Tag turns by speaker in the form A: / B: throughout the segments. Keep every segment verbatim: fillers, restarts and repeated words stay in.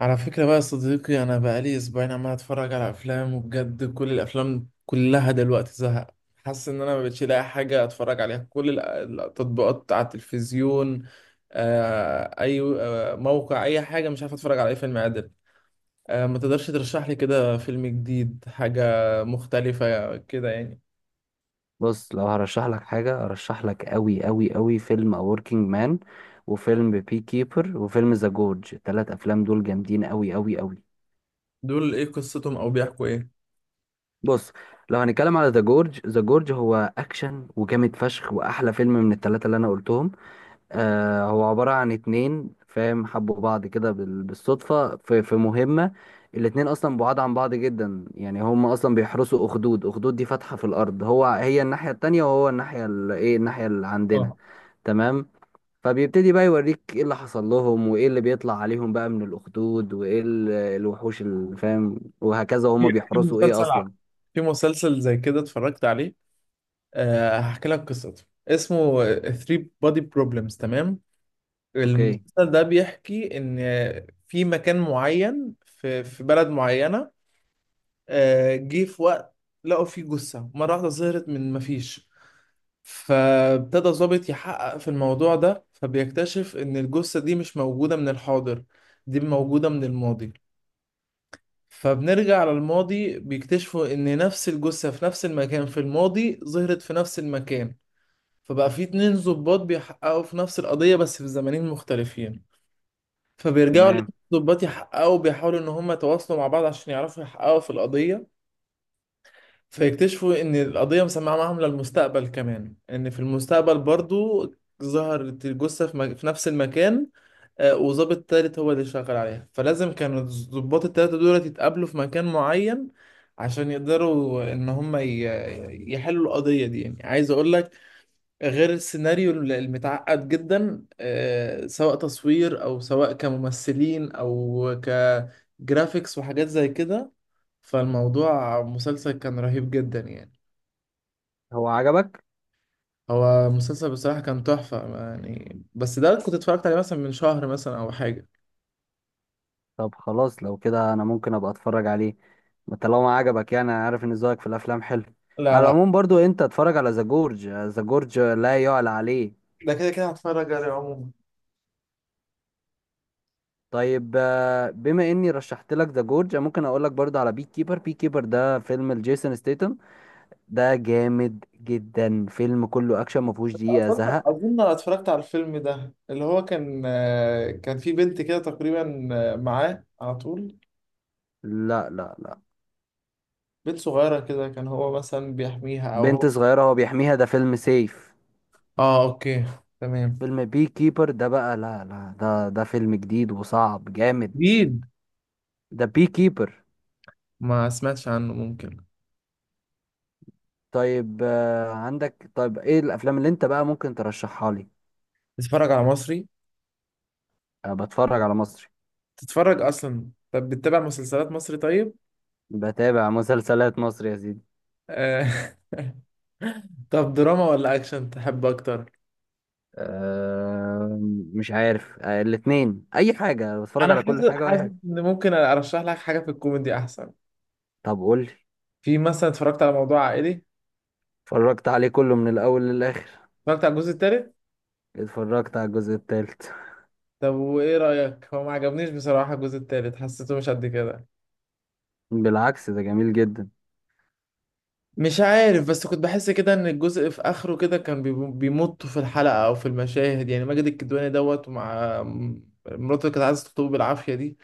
A: على فكرة بقى يا صديقي، أنا بقالي أسبوعين عمال أتفرج على أفلام، وبجد كل الأفلام كلها دلوقتي زهق. حاسس إن أنا مبقتش لاقي حاجة أتفرج عليها. كل الأ- التطبيقات على التلفزيون. آه، أي آه، موقع أي حاجة، مش عارف أتفرج على أي فيلم عادل. آه، ما تقدرش ترشح لي كده فيلم جديد، حاجة مختلفة كده يعني؟
B: بص، لو هرشح لك حاجة هرشح لك قوي قوي قوي فيلم A Working Man وفيلم بي كيبر وفيلم ذا جورج. التلات أفلام دول جامدين قوي قوي قوي.
A: دول إيه قصتهم أو بيحكوا إيه؟
B: بص، لو هنتكلم على ذا جورج، ذا جورج هو أكشن وجامد فشخ وأحلى فيلم من التلاتة اللي أنا قلتهم. آه هو عبارة عن اتنين فاهم حبوا بعض كده بال- بالصدفة في, في مهمة. الاتنين أصلا بعاد عن بعض جدا، يعني هم أصلا بيحرسوا أخدود. أخدود دي فتحة في الأرض، هو هي الناحية التانية وهو الناحية ال- إيه الناحية اللي عندنا.
A: اه
B: تمام. فبيبتدي بقى يوريك إيه اللي حصل لهم وإيه اللي بيطلع عليهم بقى من الأخدود وإيه ال- الوحوش اللي فاهم وهكذا وهم
A: في في
B: بيحرسوا إيه
A: مسلسل ع-
B: أصلا.
A: في مسلسل زي كده اتفرجت عليه. آه، هحكي لك قصته، اسمه three Body Problems، تمام؟
B: أوكي.
A: المسلسل ده بيحكي ان في مكان معين في في بلد معينة، آه، جه في وقت لقوا فيه جثة مرة واحدة ظهرت من مفيش. فابتدى ضابط يحقق في الموضوع ده، فبيكتشف ان الجثة دي مش موجودة من الحاضر، دي موجودة من الماضي. فبنرجع على الماضي، بيكتشفوا ان نفس الجثة في نفس المكان في الماضي ظهرت في نفس المكان. فبقى في اتنين ضباط بيحققوا في نفس القضية، بس في زمانين مختلفين. فبيرجعوا
B: تمام.
A: الاتنين ضباط يحققوا، بيحاولوا إن هما يتواصلوا مع بعض عشان يعرفوا يحققوا في القضية. فيكتشفوا إن القضية مسمعة معاهم للمستقبل كمان، إن في المستقبل برضو ظهرت الجثة في, مك... في نفس المكان. آه، وظابط تالت هو اللي شغال عليها، فلازم كانوا الضباط التلاتة دول يتقابلوا في مكان معين عشان يقدروا إن هما ي... يحلوا القضية دي. يعني عايز أقول لك، غير السيناريو المتعقد جدا، آه، سواء تصوير او سواء كممثلين او كجرافيكس وحاجات زي كده، فالموضوع مسلسل كان رهيب جدا يعني.
B: هو عجبك؟
A: هو مسلسل بصراحة كان تحفة يعني، بس ده كنت اتفرجت عليه مثلا من شهر مثلا او حاجة.
B: طب خلاص، لو كده انا ممكن ابقى اتفرج عليه طالما عجبك. يعني انا عارف ان ذوقك في الافلام حلو.
A: لا
B: على
A: لا،
B: العموم برضو انت اتفرج على ذا جورج، ذا جورج لا يعلى عليه.
A: ده كده كده هتفرج عليه عموما.
B: طيب، آه، بما اني رشحت لك ذا جورج ممكن اقول لك برضو على بي كيبر. بي كيبر ده فيلم لجيسون ستيتم. ده جامد جدا، فيلم كله اكشن ما فيهوش دقيقة
A: اظن
B: زهق.
A: اظن أنا اتفرجت على الفيلم ده، اللي هو كان، آه، كان في بنت كده تقريبا، آه، معاه على طول.
B: لا، لا، لا.
A: بنت صغيرة كده، كان هو مثلا بيحميها أو هو.
B: بنت صغيرة هو بيحميها، ده فيلم سيف.
A: اه، اوكي، تمام.
B: فيلم بي كيبر ده بقى، لا لا، ده ده فيلم جديد وصعب جامد.
A: جديد،
B: ده بي كيبر.
A: ما سمعتش عنه، ممكن.
B: طيب، آه، عندك؟ طيب، ايه الافلام اللي انت بقى ممكن ترشحها لي؟
A: تتفرج على مصري؟
B: أه، بتفرج على مصري.
A: تتفرج اصلا؟ طب بتتابع مسلسلات مصري؟ طيب.
B: بتابع مسلسلات مصري يا سيدي.
A: آه. طب دراما ولا اكشن تحب اكتر؟
B: أه، مش عارف. أه الاتنين، اي حاجة، بتفرج
A: انا
B: على كل
A: حاسس
B: حاجة واي
A: حاسس
B: حاجة.
A: ان ممكن ارشح لك حاجه في الكوميدي احسن.
B: طب قول لي.
A: في مثلا اتفرجت على موضوع عائلي.
B: اتفرجت عليه كله من الاول للاخر.
A: اتفرجت على الجزء الثالث.
B: اتفرجت على الجزء التالت.
A: طب وايه رايك؟ هو ما عجبنيش بصراحه الجزء الثالث، حسيته مش قد كده.
B: بالعكس، ده جميل جدا.
A: مش عارف، بس كنت بحس كده ان الجزء في اخره كده كان بيم- بيمطوا في الحلقة او في المشاهد، يعني ماجد الكدواني دوت ومع م- مراته اللي كانت عايزة تخطبه بالعافية دي.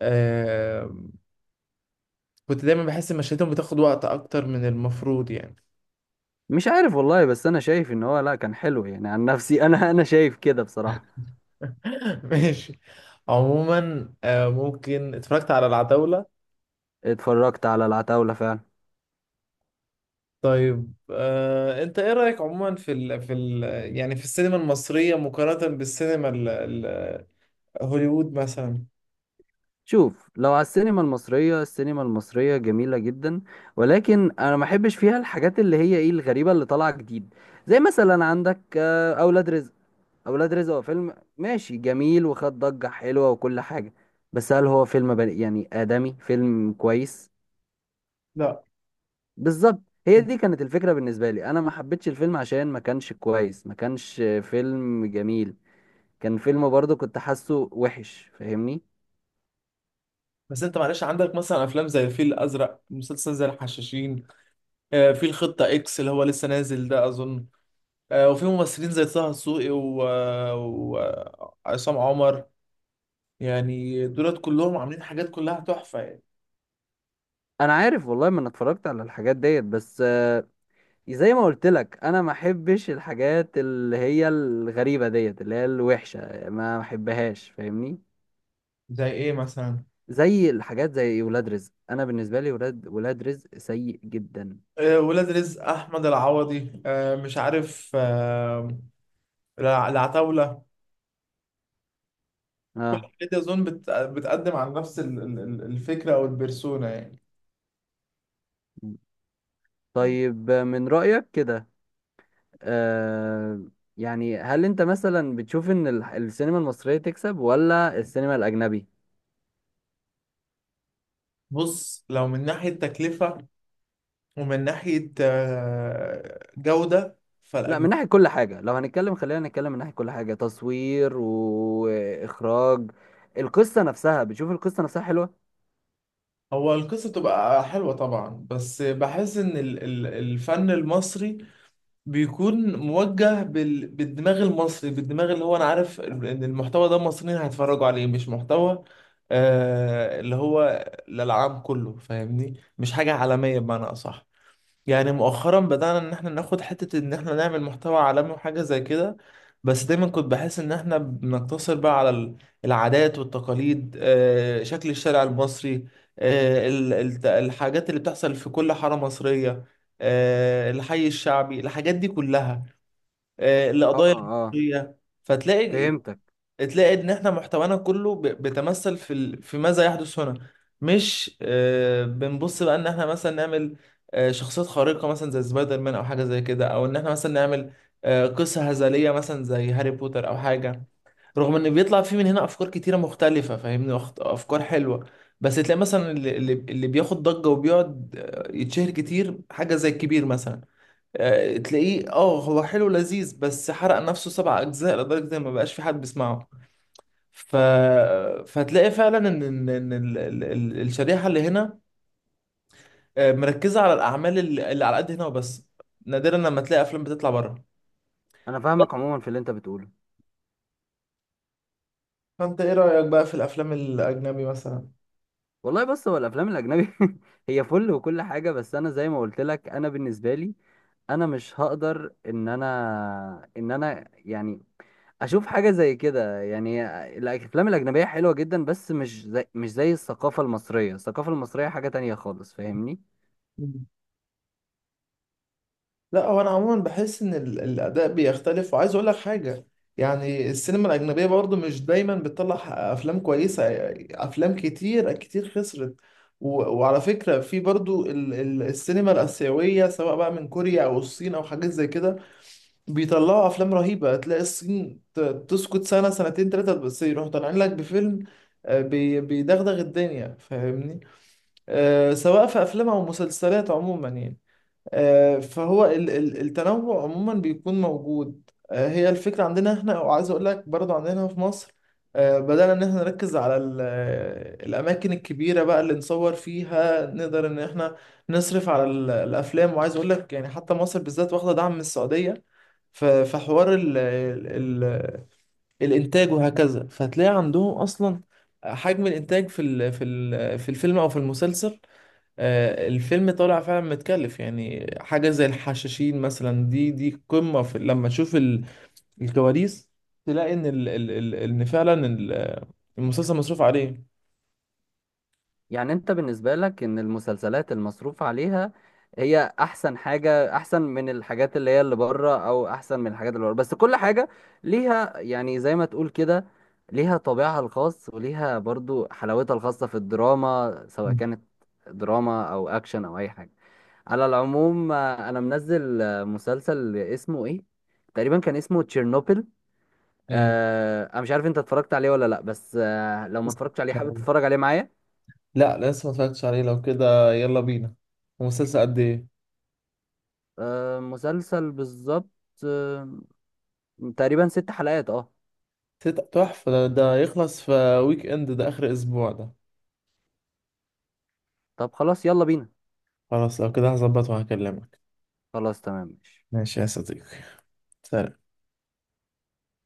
A: آه كنت دايما بحس ان مشاهدهم بتاخد وقت اكتر من المفروض يعني.
B: مش عارف والله، بس انا شايف ان هو لا، كان حلو يعني. عن نفسي، انا انا شايف كده بصراحة.
A: ماشي. عموما آه ممكن اتفرجت على العتاولة.
B: اتفرجت على العتاولة فعلا.
A: طيب آه انت ايه رأيك عموما في ال في ال يعني في السينما المصرية مقارنة بالسينما ال- ال- هوليوود مثلا؟
B: شوف، لو على السينما المصرية، السينما المصرية جميلة جدا. ولكن أنا ما بحبش فيها الحاجات اللي هي إيه الغريبة اللي طالعة جديد. زي مثلا عندك، آه، أولاد رزق. أولاد رزق هو فيلم ماشي جميل، وخد ضجة حلوة وكل حاجة. بس هل هو فيلم بني يعني آدمي، فيلم كويس؟
A: لا،
B: بالظبط. هي دي كانت الفكرة بالنسبة لي. أنا ما حبيتش الفيلم عشان ما كانش كويس، ما كانش فيلم جميل. كان فيلم برضه كنت حاسه وحش، فاهمني؟
A: بس انت معلش، عندك مثلا افلام زي الفيل الازرق، مسلسل زي الحشاشين، آه، في الخطه اكس اللي هو لسه نازل ده اظن، آه، وفي ممثلين زي طه دسوقي وعصام عمر، يعني دولت كلهم عاملين حاجات كلها تحفه يعني.
B: أنا عارف والله، ما أنا اتفرجت على الحاجات ديت بس، آه، زي ما قلت لك، انا ما احبش الحاجات اللي هي الغريبه ديت اللي هي الوحشه، ما احبهاش. فاهمني؟
A: زي ايه مثلا؟
B: زي الحاجات زي ولاد رزق، انا بالنسبه لي ولاد ولاد رزق سيء جدا.
A: آه، ولاد رزق احمد العوضي، آه، مش عارف، آه، الع- العتاوله. كل
B: اه.
A: الحاجات دي اظن بت- بتقدم عن نفس ال- ال- ال- الفكره او البرسونا يعني.
B: طيب، من رايك كده، آه يعني هل انت مثلا بتشوف ان ال- السينما المصريه تكسب ولا السينما الاجنبي؟
A: بص، لو من ناحيه تكلفه ومن ناحية آه، جودة،
B: لا، من
A: فالأجنبي.
B: ناحيه كل حاجه، لو هنتكلم خلينا نتكلم من ناحيه كل حاجه، تصوير واخراج. القصه نفسها، بتشوف القصه نفسها حلوه؟
A: هو القصة تبقى حلوة طبعا، بس بحس إن ال- ال- الفن المصري بيكون موجه بال- بالدماغ المصري، بالدماغ اللي هو أنا عارف إن المحتوى ده المصريين هيتفرجوا عليه، مش محتوى آه، اللي هو للعام كله، فاهمني؟ مش حاجة عالمية بمعنى أصح. يعني مؤخرا بدأنا ان احنا ناخد حتة ان احنا نعمل محتوى عالمي وحاجة زي كده، بس دايما كنت بحس ان احنا بنقتصر بقى على ال- العادات والتقاليد، آه، شكل الشارع المصري، آه، ال- الت- الحاجات اللي بتحصل في كل حارة مصرية، آه، الحي الشعبي، الحاجات دي كلها، آه،
B: اه،
A: القضايا
B: اه،
A: المصرية. فتلاقي
B: فهمتك.
A: تلاقي ان احنا محتوانا كله ب- بيتمثل في ال... في ماذا يحدث هنا، مش آه بنبص بقى ان احنا مثلا نعمل آه شخصيات خارقة مثلا زي سبايدر مان او حاجة زي كده، او ان احنا مثلا نعمل آه قصة هزلية مثلا زي هاري بوتر او حاجة، رغم ان بيطلع فيه من هنا افكار كتيره مختلفه فاهمني، أخت- افكار حلوه. بس تلاقي مثلا اللي, اللي اللي بياخد ضجه وبيقعد آه، يتشهر كتير، حاجه زي الكبير مثلا، آه، تلاقيه، اه هو حلو لذيذ بس حرق نفسه سبع اجزاء لدرجه ان ما بقاش في حد بيسمعه. ف... فهتلاقي فعلا ان ان ان ال- ال- ال- الشريحه اللي هنا، آه، مركزه على الاعمال اللي اللي على قد هنا وبس. نادرا لما تلاقي افلام بتطلع بره.
B: انا فاهمك عموما في اللي انت بتقوله.
A: فانت ايه رايك بقى في الافلام الاجنبي مثلا؟
B: والله بص، هو الافلام الاجنبي هي فل وكل حاجه، بس انا زي ما قلت لك، انا بالنسبه لي انا مش هقدر ان انا ان انا يعني اشوف حاجه زي كده يعني. الافلام الاجنبيه حلوه جدا، بس مش زي مش زي الثقافه المصريه. الثقافه المصريه حاجه تانية خالص. فاهمني؟
A: مم. لا، هو انا عموما بحس ان ال- الاداء بيختلف، وعايز اقول لك حاجه. يعني السينما الاجنبيه برضو مش دايما بتطلع افلام كويسه، افلام كتير كتير خسرت. و- وعلى فكره، في برضو ال- ال- السينما الاسيويه، سواء بقى من كوريا او الصين او حاجات زي كده، بيطلعوا افلام رهيبه. تلاقي الصين ت- تسكت سنه سنتين ثلاثه، بس يروحوا طالعين لك بفيلم آه، بي- بيدغدغ الدنيا، فاهمني؟ آه، سواء في افلام او مسلسلات عموما يعني. آه، فهو ال- ال- التنوع عموما بيكون موجود. آه، هي الفكره عندنا احنا، وعايز اقول لك برضو عندنا هنا في مصر آه، بدأنا إن إحنا نركز على ال- آه، الأماكن الكبيرة بقى اللي نصور فيها، نقدر إن إحنا نصرف على ال- الأفلام. وعايز أقول لك يعني حتى مصر بالذات واخدة دعم من السعودية ف- فحوار ال ال ال الانتاج وهكذا، فهتلاقي عندهم اصلا حجم الانتاج في ال في ال في الفيلم او في المسلسل، آه، الفيلم طالع فعلا متكلف يعني، حاجه زي الحشاشين مثلا، دي دي قمه، في لما تشوف ال- الكواليس، تلاقي ان ال ال ال ان فعلا ال- المسلسل مصروف عليه.
B: يعني انت بالنسبة لك ان المسلسلات المصروف عليها هي احسن حاجة، احسن من الحاجات اللي هي اللي بره، او احسن من الحاجات اللي بره بس كل حاجة ليها، يعني زي ما تقول كده، ليها طابعها الخاص وليها برضو حلاوتها الخاصة في الدراما، سواء
A: مم.
B: كانت دراما او اكشن او اي حاجة. على العموم، آه، انا منزل آه، مسلسل اسمه ايه تقريبا، كان اسمه تشيرنوبل.
A: ايوه،
B: آه، انا مش عارف انت اتفرجت عليه ولا لا، بس آه، لو ما
A: بس-
B: اتفرجتش عليه
A: مش
B: حابب
A: عارف.
B: تتفرج عليه معايا؟
A: لا، لسه ما اتفرجتش عليه. لو كده يلا بينا. ومسلسل قد ايه؟
B: آه، مسلسل بالظبط. آه تقريبا ست حلقات. اه.
A: تت- تحفه، ده, ده يخلص في ويك اند، ده اخر اسبوع ده.
B: طب خلاص، يلا بينا.
A: خلاص لو كده، هظبط وهكلمك.
B: خلاص، تمام، ماشي.
A: ماشي يا صديقي. سلام.